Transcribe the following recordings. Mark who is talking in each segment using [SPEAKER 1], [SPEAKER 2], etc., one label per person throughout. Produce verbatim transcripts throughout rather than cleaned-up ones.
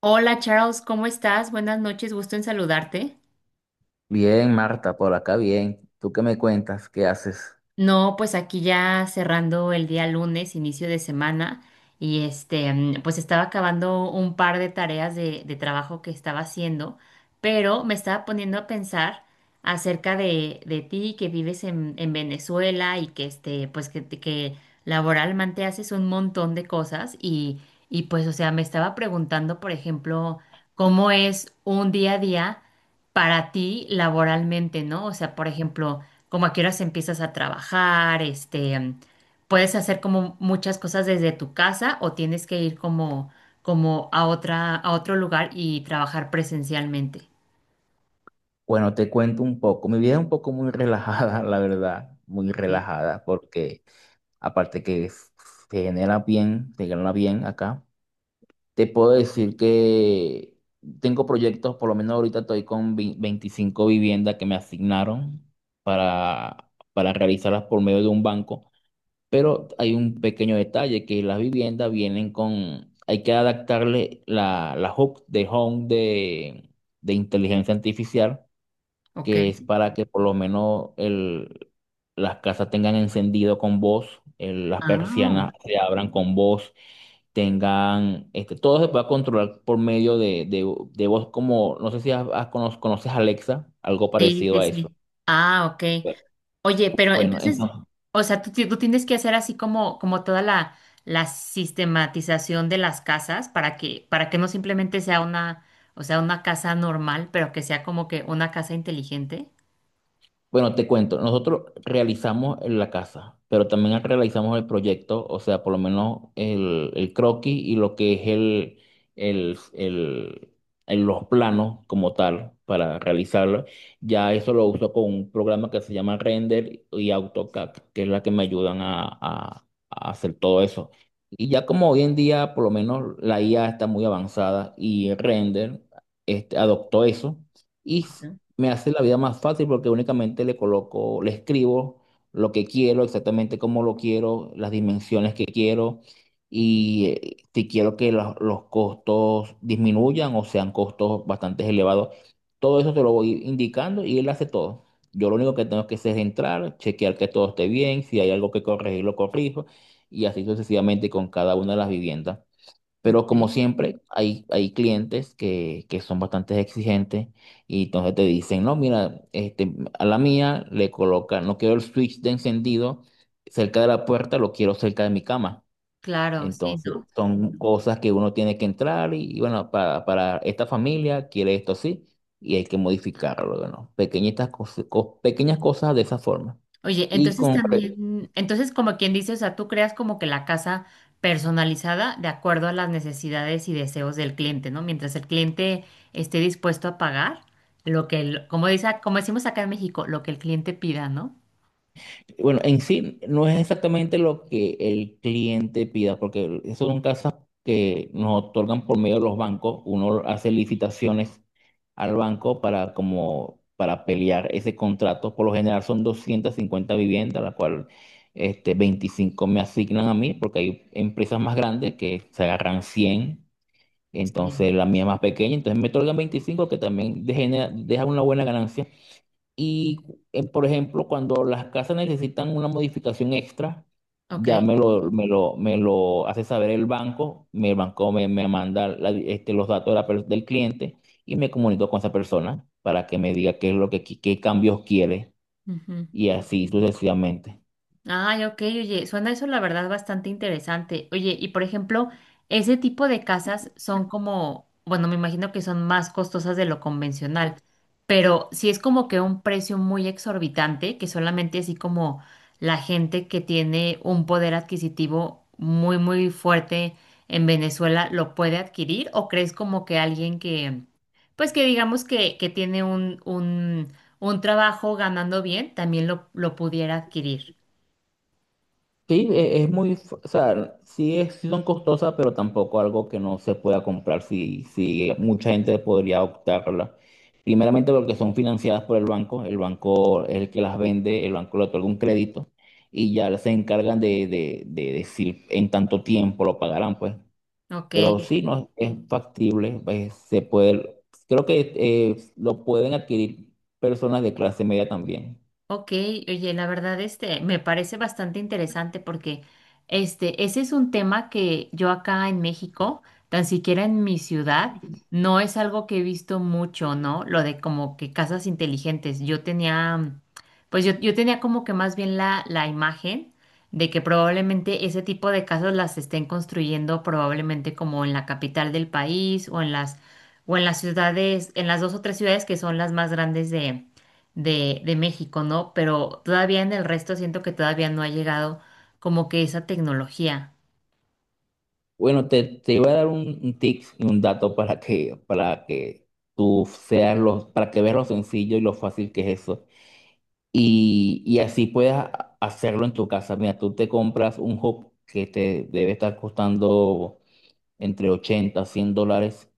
[SPEAKER 1] Hola Charles, ¿cómo estás? Buenas noches, gusto en saludarte.
[SPEAKER 2] Bien, Marta, por acá bien. ¿Tú qué me cuentas? ¿Qué haces?
[SPEAKER 1] No, pues aquí ya cerrando el día lunes, inicio de semana, y este, mm, pues estaba acabando un par de tareas de, de trabajo que estaba haciendo, pero me estaba poniendo a pensar acerca de, de ti que vives en, en Venezuela y que este, pues que, que laboralmente haces un montón de cosas y, y pues, o sea, me estaba preguntando, por ejemplo, cómo es un día a día para ti laboralmente, ¿no? O sea, por ejemplo, como a qué horas empiezas a trabajar, este, em, puedes hacer como muchas cosas desde tu casa o tienes que ir como, como a otra, a otro lugar y trabajar presencialmente.
[SPEAKER 2] Bueno, te cuento un poco. Mi vida es un poco muy relajada, la verdad, muy
[SPEAKER 1] Ok,
[SPEAKER 2] relajada, porque aparte que f- se genera bien, se genera bien acá. Te puedo decir que tengo proyectos, por lo menos ahorita estoy con vi- veinticinco viviendas que me asignaron para, para realizarlas por medio de un banco. Pero hay un pequeño detalle, que las viviendas vienen con, hay que adaptarle la, la hook de Home de, de inteligencia artificial,
[SPEAKER 1] ok.
[SPEAKER 2] que es para que por lo menos el, las casas tengan encendido con voz, el- las
[SPEAKER 1] Ah,
[SPEAKER 2] persianas se abran con voz, tengan, este, todo se puede controlar por medio de, de, de voz como, no sé si has- has cono- conoces Alexa, algo
[SPEAKER 1] sí,
[SPEAKER 2] parecido
[SPEAKER 1] sí,
[SPEAKER 2] a eso.
[SPEAKER 1] sí. Ah, ok. Oye, pero
[SPEAKER 2] Bueno,
[SPEAKER 1] entonces,
[SPEAKER 2] entonces.
[SPEAKER 1] o sea, tú, ti- tú tienes que hacer así como, como toda la, la sistematización de las casas para que, para que no simplemente sea una, o sea, una casa normal, pero que sea como que una casa inteligente.
[SPEAKER 2] Bueno, te cuento, nosotros realizamos en la casa, pero también realizamos el proyecto, o sea, por lo menos el, el croquis y lo que es el, el, el- el- los planos como tal para realizarlo. Ya eso lo uso con un programa que se llama Render y AutoCAD, que es la que me ayudan a, a- a hacer todo eso. Y ya como hoy en día, por lo menos la I A está muy avanzada y Render este, adoptó eso. Y
[SPEAKER 1] Ok.
[SPEAKER 2] me hace la vida más fácil porque únicamente le coloco, le escribo lo que quiero, exactamente cómo lo quiero, las dimensiones que quiero y eh, si quiero que los, los costos disminuyan o sean costos bastante elevados. Todo eso te lo voy indicando y él hace todo. Yo lo único que tengo que hacer es entrar, chequear que todo esté bien, si hay algo que corregir, lo corrijo y así sucesivamente con cada una de las viviendas. Pero como
[SPEAKER 1] Ok.
[SPEAKER 2] siempre, hay, hay clientes que, que son bastante exigentes y entonces te dicen, no, mira, este, a la mía le coloca, no quiero el switch de encendido cerca de la puerta, lo quiero cerca de mi cama.
[SPEAKER 1] Claro, sí,
[SPEAKER 2] Entonces,
[SPEAKER 1] ¿no?
[SPEAKER 2] son cosas que uno tiene que entrar y, y bueno, para, para esta familia quiere esto así y hay que modificarlo, ¿no? Pequeñitas cosas, pequeñas cosas de esa forma.
[SPEAKER 1] Oye,
[SPEAKER 2] Y
[SPEAKER 1] entonces
[SPEAKER 2] con, re-
[SPEAKER 1] también, entonces como quien dice, o sea, tú creas como que la casa personalizada de acuerdo a las necesidades y deseos del cliente, ¿no? Mientras el cliente esté dispuesto a pagar lo que, el- como dice, como decimos acá en México, lo que el cliente pida, ¿no?
[SPEAKER 2] Bueno, en sí no es exactamente lo que el cliente pida, porque eso son casas que nos otorgan por medio de los bancos. Uno hace licitaciones al banco para como para pelear ese contrato. Por lo general son doscientas cincuenta viviendas, la cual este veinticinco me asignan a mí, porque hay empresas más grandes que se agarran cien, entonces
[SPEAKER 1] Sí.
[SPEAKER 2] la mía es más pequeña, entonces me otorgan veinticinco que también deja deja una buena ganancia. Y, eh, por ejemplo, cuando las casas necesitan una modificación extra, ya
[SPEAKER 1] Ok.
[SPEAKER 2] me lo, me lo, me lo hace saber el banco, mi- el banco me, me manda la- este, los datos de la per- del cliente y me comunico con esa persona para que me diga qué es lo que, qui- qué cambios quiere
[SPEAKER 1] Ujú.
[SPEAKER 2] y así sucesivamente.
[SPEAKER 1] Ay, ok, oye, suena eso la verdad bastante interesante. Oye, y por ejemplo, ese tipo de casas son como, bueno, me imagino que son más costosas de lo convencional, pero si es como que un precio muy exorbitante, que solamente así como la gente que tiene un poder adquisitivo muy, muy fuerte en Venezuela lo puede adquirir, ¿o crees como que alguien que, pues que digamos que, que tiene un, un, un trabajo ganando bien, también lo, lo pudiera adquirir?
[SPEAKER 2] Sí, e- es muy, f- o sea, sí, es, sí son costosas, pero tampoco algo que no se pueda comprar, si si mucha gente podría optarla. Primeramente porque son financiadas por el banco, el banco es el que las vende, el banco le otorga un crédito y ya se encargan de, de, de decir en tanto tiempo lo pagarán, pues.
[SPEAKER 1] Ok,
[SPEAKER 2] Pero sí, no es factible, pues, se puede, creo que eh, lo pueden adquirir personas de clase media también.
[SPEAKER 1] ok, oye, la verdad este me parece bastante interesante porque este ese es un tema que yo acá en México, tan siquiera en mi ciudad, no es algo que he visto mucho, ¿no? Lo de como que casas inteligentes. Yo tenía, mm, pues yo, yo tenía como que más bien la, la imagen de que probablemente ese tipo de casas las estén construyendo probablemente como en la capital del país o en las o en las ciudades, en las dos o tres ciudades que son las más grandes de, de México, ¿no? Pero todavía en el resto siento que todavía no ha llegado como que esa tecnología.
[SPEAKER 2] Bueno, te, te iba a dar un, un tip y un dato para que, para que tú seas lo, para que veas lo sencillo y lo fácil que es eso. Y, y así puedas hacerlo en tu casa. Mira, tú te compras un hub que te debe estar costando entre ochenta a cien dólares.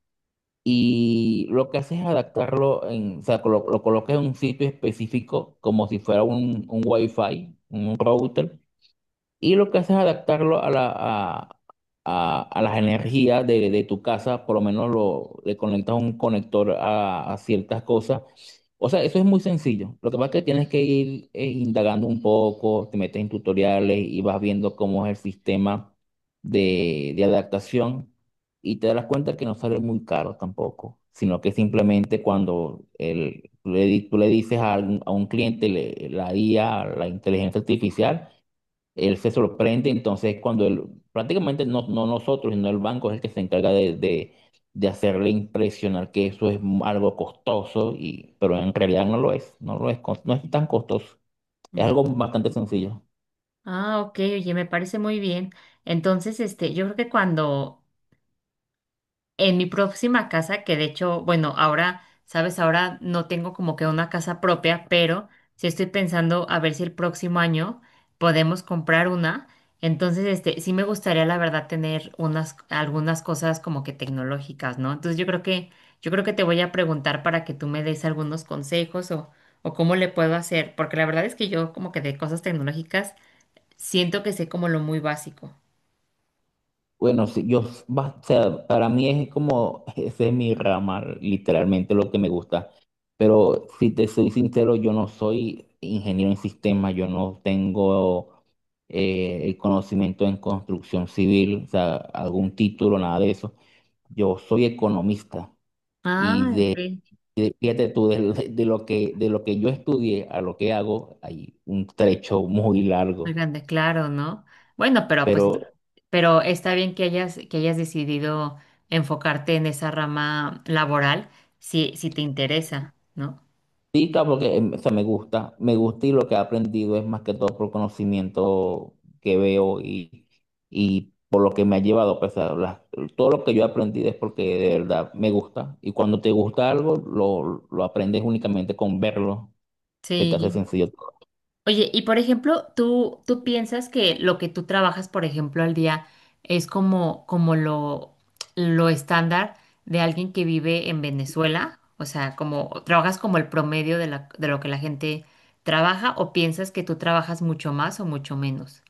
[SPEAKER 2] Y lo que haces es adaptarlo, en, o sea, colo- lo, colocas en un sitio específico como si fuera un, un Wi-Fi, un router y lo que haces es adaptarlo a, la, a, a- a las energías de, de tu casa, por lo menos lo, le conectas un conector a, a ciertas cosas. O sea, eso es muy sencillo. Lo que pasa es que tienes que ir eh, indagando un poco, te metes en tutoriales y vas viendo cómo es el sistema de, de adaptación y te das cuenta que no sale muy caro tampoco, sino que simplemente cuando el, le di- tú le dices a, algún- a un cliente, le- la I A, la inteligencia artificial, él se sorprende, entonces cuando él, prácticamente no, no nosotros, sino el banco es el que se encarga de, de, de hacerle impresionar que eso es algo costoso, y, pero en realidad no lo es, no lo es, cos- no es tan costoso, es
[SPEAKER 1] No.
[SPEAKER 2] algo bastante sencillo.
[SPEAKER 1] Ah, ok, oye, me parece muy bien. Entonces, este, yo creo que cuando en mi próxima casa, que de hecho, bueno, ahora, sabes, ahora no tengo como que una casa propia, pero sí estoy pensando a ver si el próximo año podemos comprar una. Entonces, este, sí me gustaría, la verdad, tener unas, algunas cosas como que tecnológicas, ¿no? Entonces, yo creo que, yo creo que te voy a preguntar para que tú me des algunos consejos o, o cómo le puedo hacer, porque la verdad es que yo como que de cosas tecnológicas siento que sé como lo muy básico.
[SPEAKER 2] Bueno, sí, yo, va- o sea, para mí es como, ese es mi rama, literalmente lo que me gusta. Pero si te soy sincero, yo no soy ingeniero en sistemas, yo no tengo eh, el conocimiento en construcción civil, o sea, algún título, nada de eso. Yo soy economista y
[SPEAKER 1] Ah, ok.
[SPEAKER 2] de, de- fíjate tú, de, de lo que, de lo que yo estudié a lo que hago, hay un trecho muy
[SPEAKER 1] Muy
[SPEAKER 2] largo.
[SPEAKER 1] grande, claro, ¿no? Bueno, pero pues,
[SPEAKER 2] Pero
[SPEAKER 1] pero está bien que hayas, que hayas decidido enfocarte en esa rama laboral, si, si te interesa, ¿no?
[SPEAKER 2] Sí, claro, porque em, o sea, me gusta, me gusta y lo que he aprendido es más que todo por conocimiento que veo y, y por lo que me ha llevado, pues, a las- todo lo que yo he aprendido es porque de verdad me gusta y cuando te gusta algo lo, lo aprendes únicamente con verlo, se te hace
[SPEAKER 1] Sí.
[SPEAKER 2] sencillo todo.
[SPEAKER 1] Oye, y por ejemplo, ¿tú, tú piensas que lo que tú trabajas, por ejemplo, al día es como, como lo, lo estándar de alguien que vive en Venezuela? O sea, como, ¿trabajas como el promedio de la, de lo que la gente trabaja o piensas que tú trabajas mucho más o mucho menos?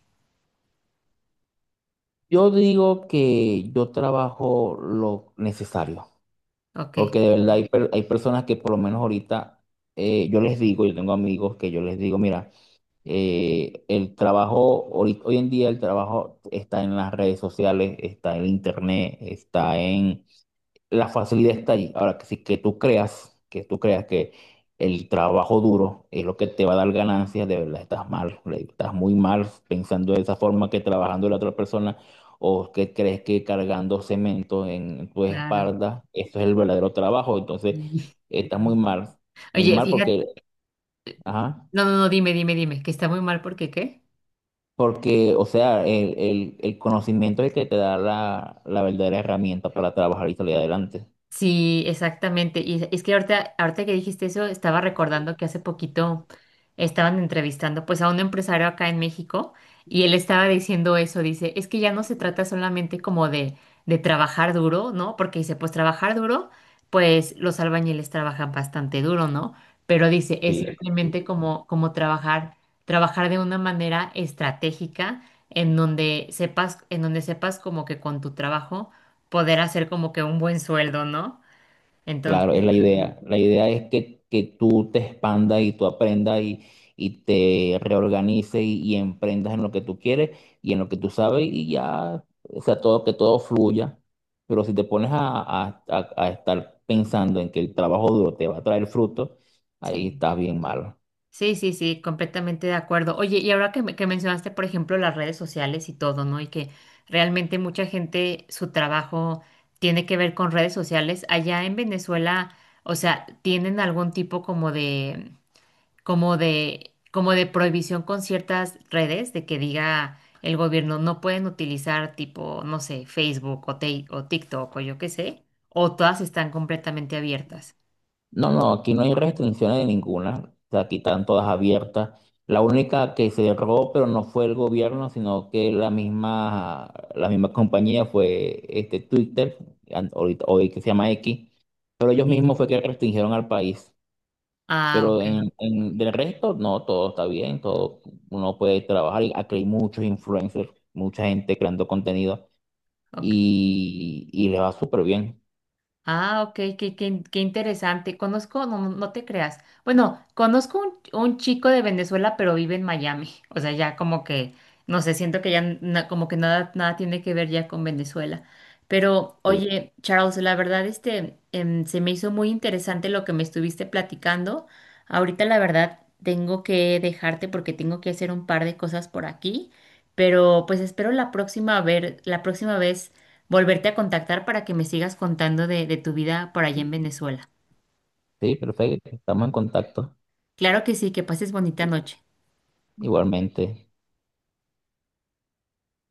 [SPEAKER 2] Yo digo que yo trabajo lo necesario,
[SPEAKER 1] Ok,
[SPEAKER 2] porque de verdad hay, per- hay personas que por lo menos ahorita eh, yo les digo, yo tengo amigos que yo les digo, mira, Eh, el trabajo, hoy, hoy en día el trabajo está en las redes sociales, está en internet, está en. La facilidad está allí. Ahora, que si que tú creas, que tú creas que el trabajo duro es lo que te va a dar ganancias, de verdad estás mal, le- estás muy mal pensando de esa forma que trabajando la otra persona o que crees que cargando cemento en tu
[SPEAKER 1] claro.
[SPEAKER 2] espalda, eso es el verdadero trabajo. Entonces, estás muy mal, muy
[SPEAKER 1] Oye,
[SPEAKER 2] mal
[SPEAKER 1] fíjate,
[SPEAKER 2] porque. Ajá.
[SPEAKER 1] no, no, no, dime, dime, dime, que está muy mal porque ¿qué?
[SPEAKER 2] Porque, o sea, el, el- el conocimiento es el que te da la, la verdadera herramienta para trabajar y salir adelante.
[SPEAKER 1] Sí, exactamente. Y es que ahorita, ahorita que dijiste eso, estaba recordando que hace poquito estaban entrevistando pues a un empresario acá en México y él estaba diciendo eso, dice, es que ya no se trata solamente como de, de trabajar duro, ¿no? Porque dice, pues trabajar duro, pues los albañiles trabajan bastante duro, ¿no? Pero dice, es
[SPEAKER 2] Sí,
[SPEAKER 1] simplemente como, como trabajar, trabajar de una manera estratégica en donde sepas, en donde sepas como que con tu trabajo poder hacer como que un buen sueldo, ¿no?
[SPEAKER 2] claro, es
[SPEAKER 1] Entonces,
[SPEAKER 2] la idea. La idea es que, que tú te expandas y tú aprendas y, y te reorganices y, y emprendas en lo que tú quieres y en lo que tú sabes y ya, o sea, todo, que todo fluya. Pero si te pones a, a- a- a estar pensando en que el trabajo duro te va a traer fruto, ahí
[SPEAKER 1] sí.
[SPEAKER 2] estás bien mal.
[SPEAKER 1] Sí, sí, sí, completamente de acuerdo. Oye, y ahora que, me- que mencionaste, por ejemplo, las redes sociales y todo, ¿no? Y que realmente mucha gente, su trabajo tiene que ver con redes sociales. Allá en Venezuela, o sea, ¿tienen algún tipo como de, como de, como de prohibición con ciertas redes de que diga el gobierno no pueden utilizar tipo, no sé, Facebook o, Ti- o TikTok o yo qué sé? ¿O todas están completamente abiertas?
[SPEAKER 2] No, no, aquí no hay restricciones de ninguna. O sea, Aquí están todas abiertas. La única que cerró, pero no fue el gobierno, sino que la misma, la misma compañía fue este Twitter, an- ahorita- hoy que se llama X, pero ellos mismos fue que restringieron al país.
[SPEAKER 1] Ah,
[SPEAKER 2] Pero
[SPEAKER 1] ok.
[SPEAKER 2] en, en- del resto, no, todo está bien, todo uno puede trabajar. Y Aquí hay muchos influencers, mucha gente creando contenido
[SPEAKER 1] Ok.
[SPEAKER 2] y, y le va súper bien.
[SPEAKER 1] Ah, ok, qué, qué- qué interesante. Conozco, no, no no te creas. Bueno, conozco un, un chico de Venezuela, pero vive en Miami. O sea, ya como que, no sé, siento que ya na- como que nada, nada tiene que ver ya con Venezuela. Pero,
[SPEAKER 2] Sí,
[SPEAKER 1] oye, Charles, la verdad, este, em, se me hizo muy interesante lo que me estuviste platicando. Ahorita, la verdad, tengo que dejarte porque tengo que hacer un par de cosas por aquí. Pero, pues espero la próxima ver, la próxima vez volverte a contactar para que me sigas contando de, de tu vida por allá en Venezuela.
[SPEAKER 2] sí, perfecto, estamos en contacto
[SPEAKER 1] Claro que sí, que pases bonita noche.
[SPEAKER 2] igualmente.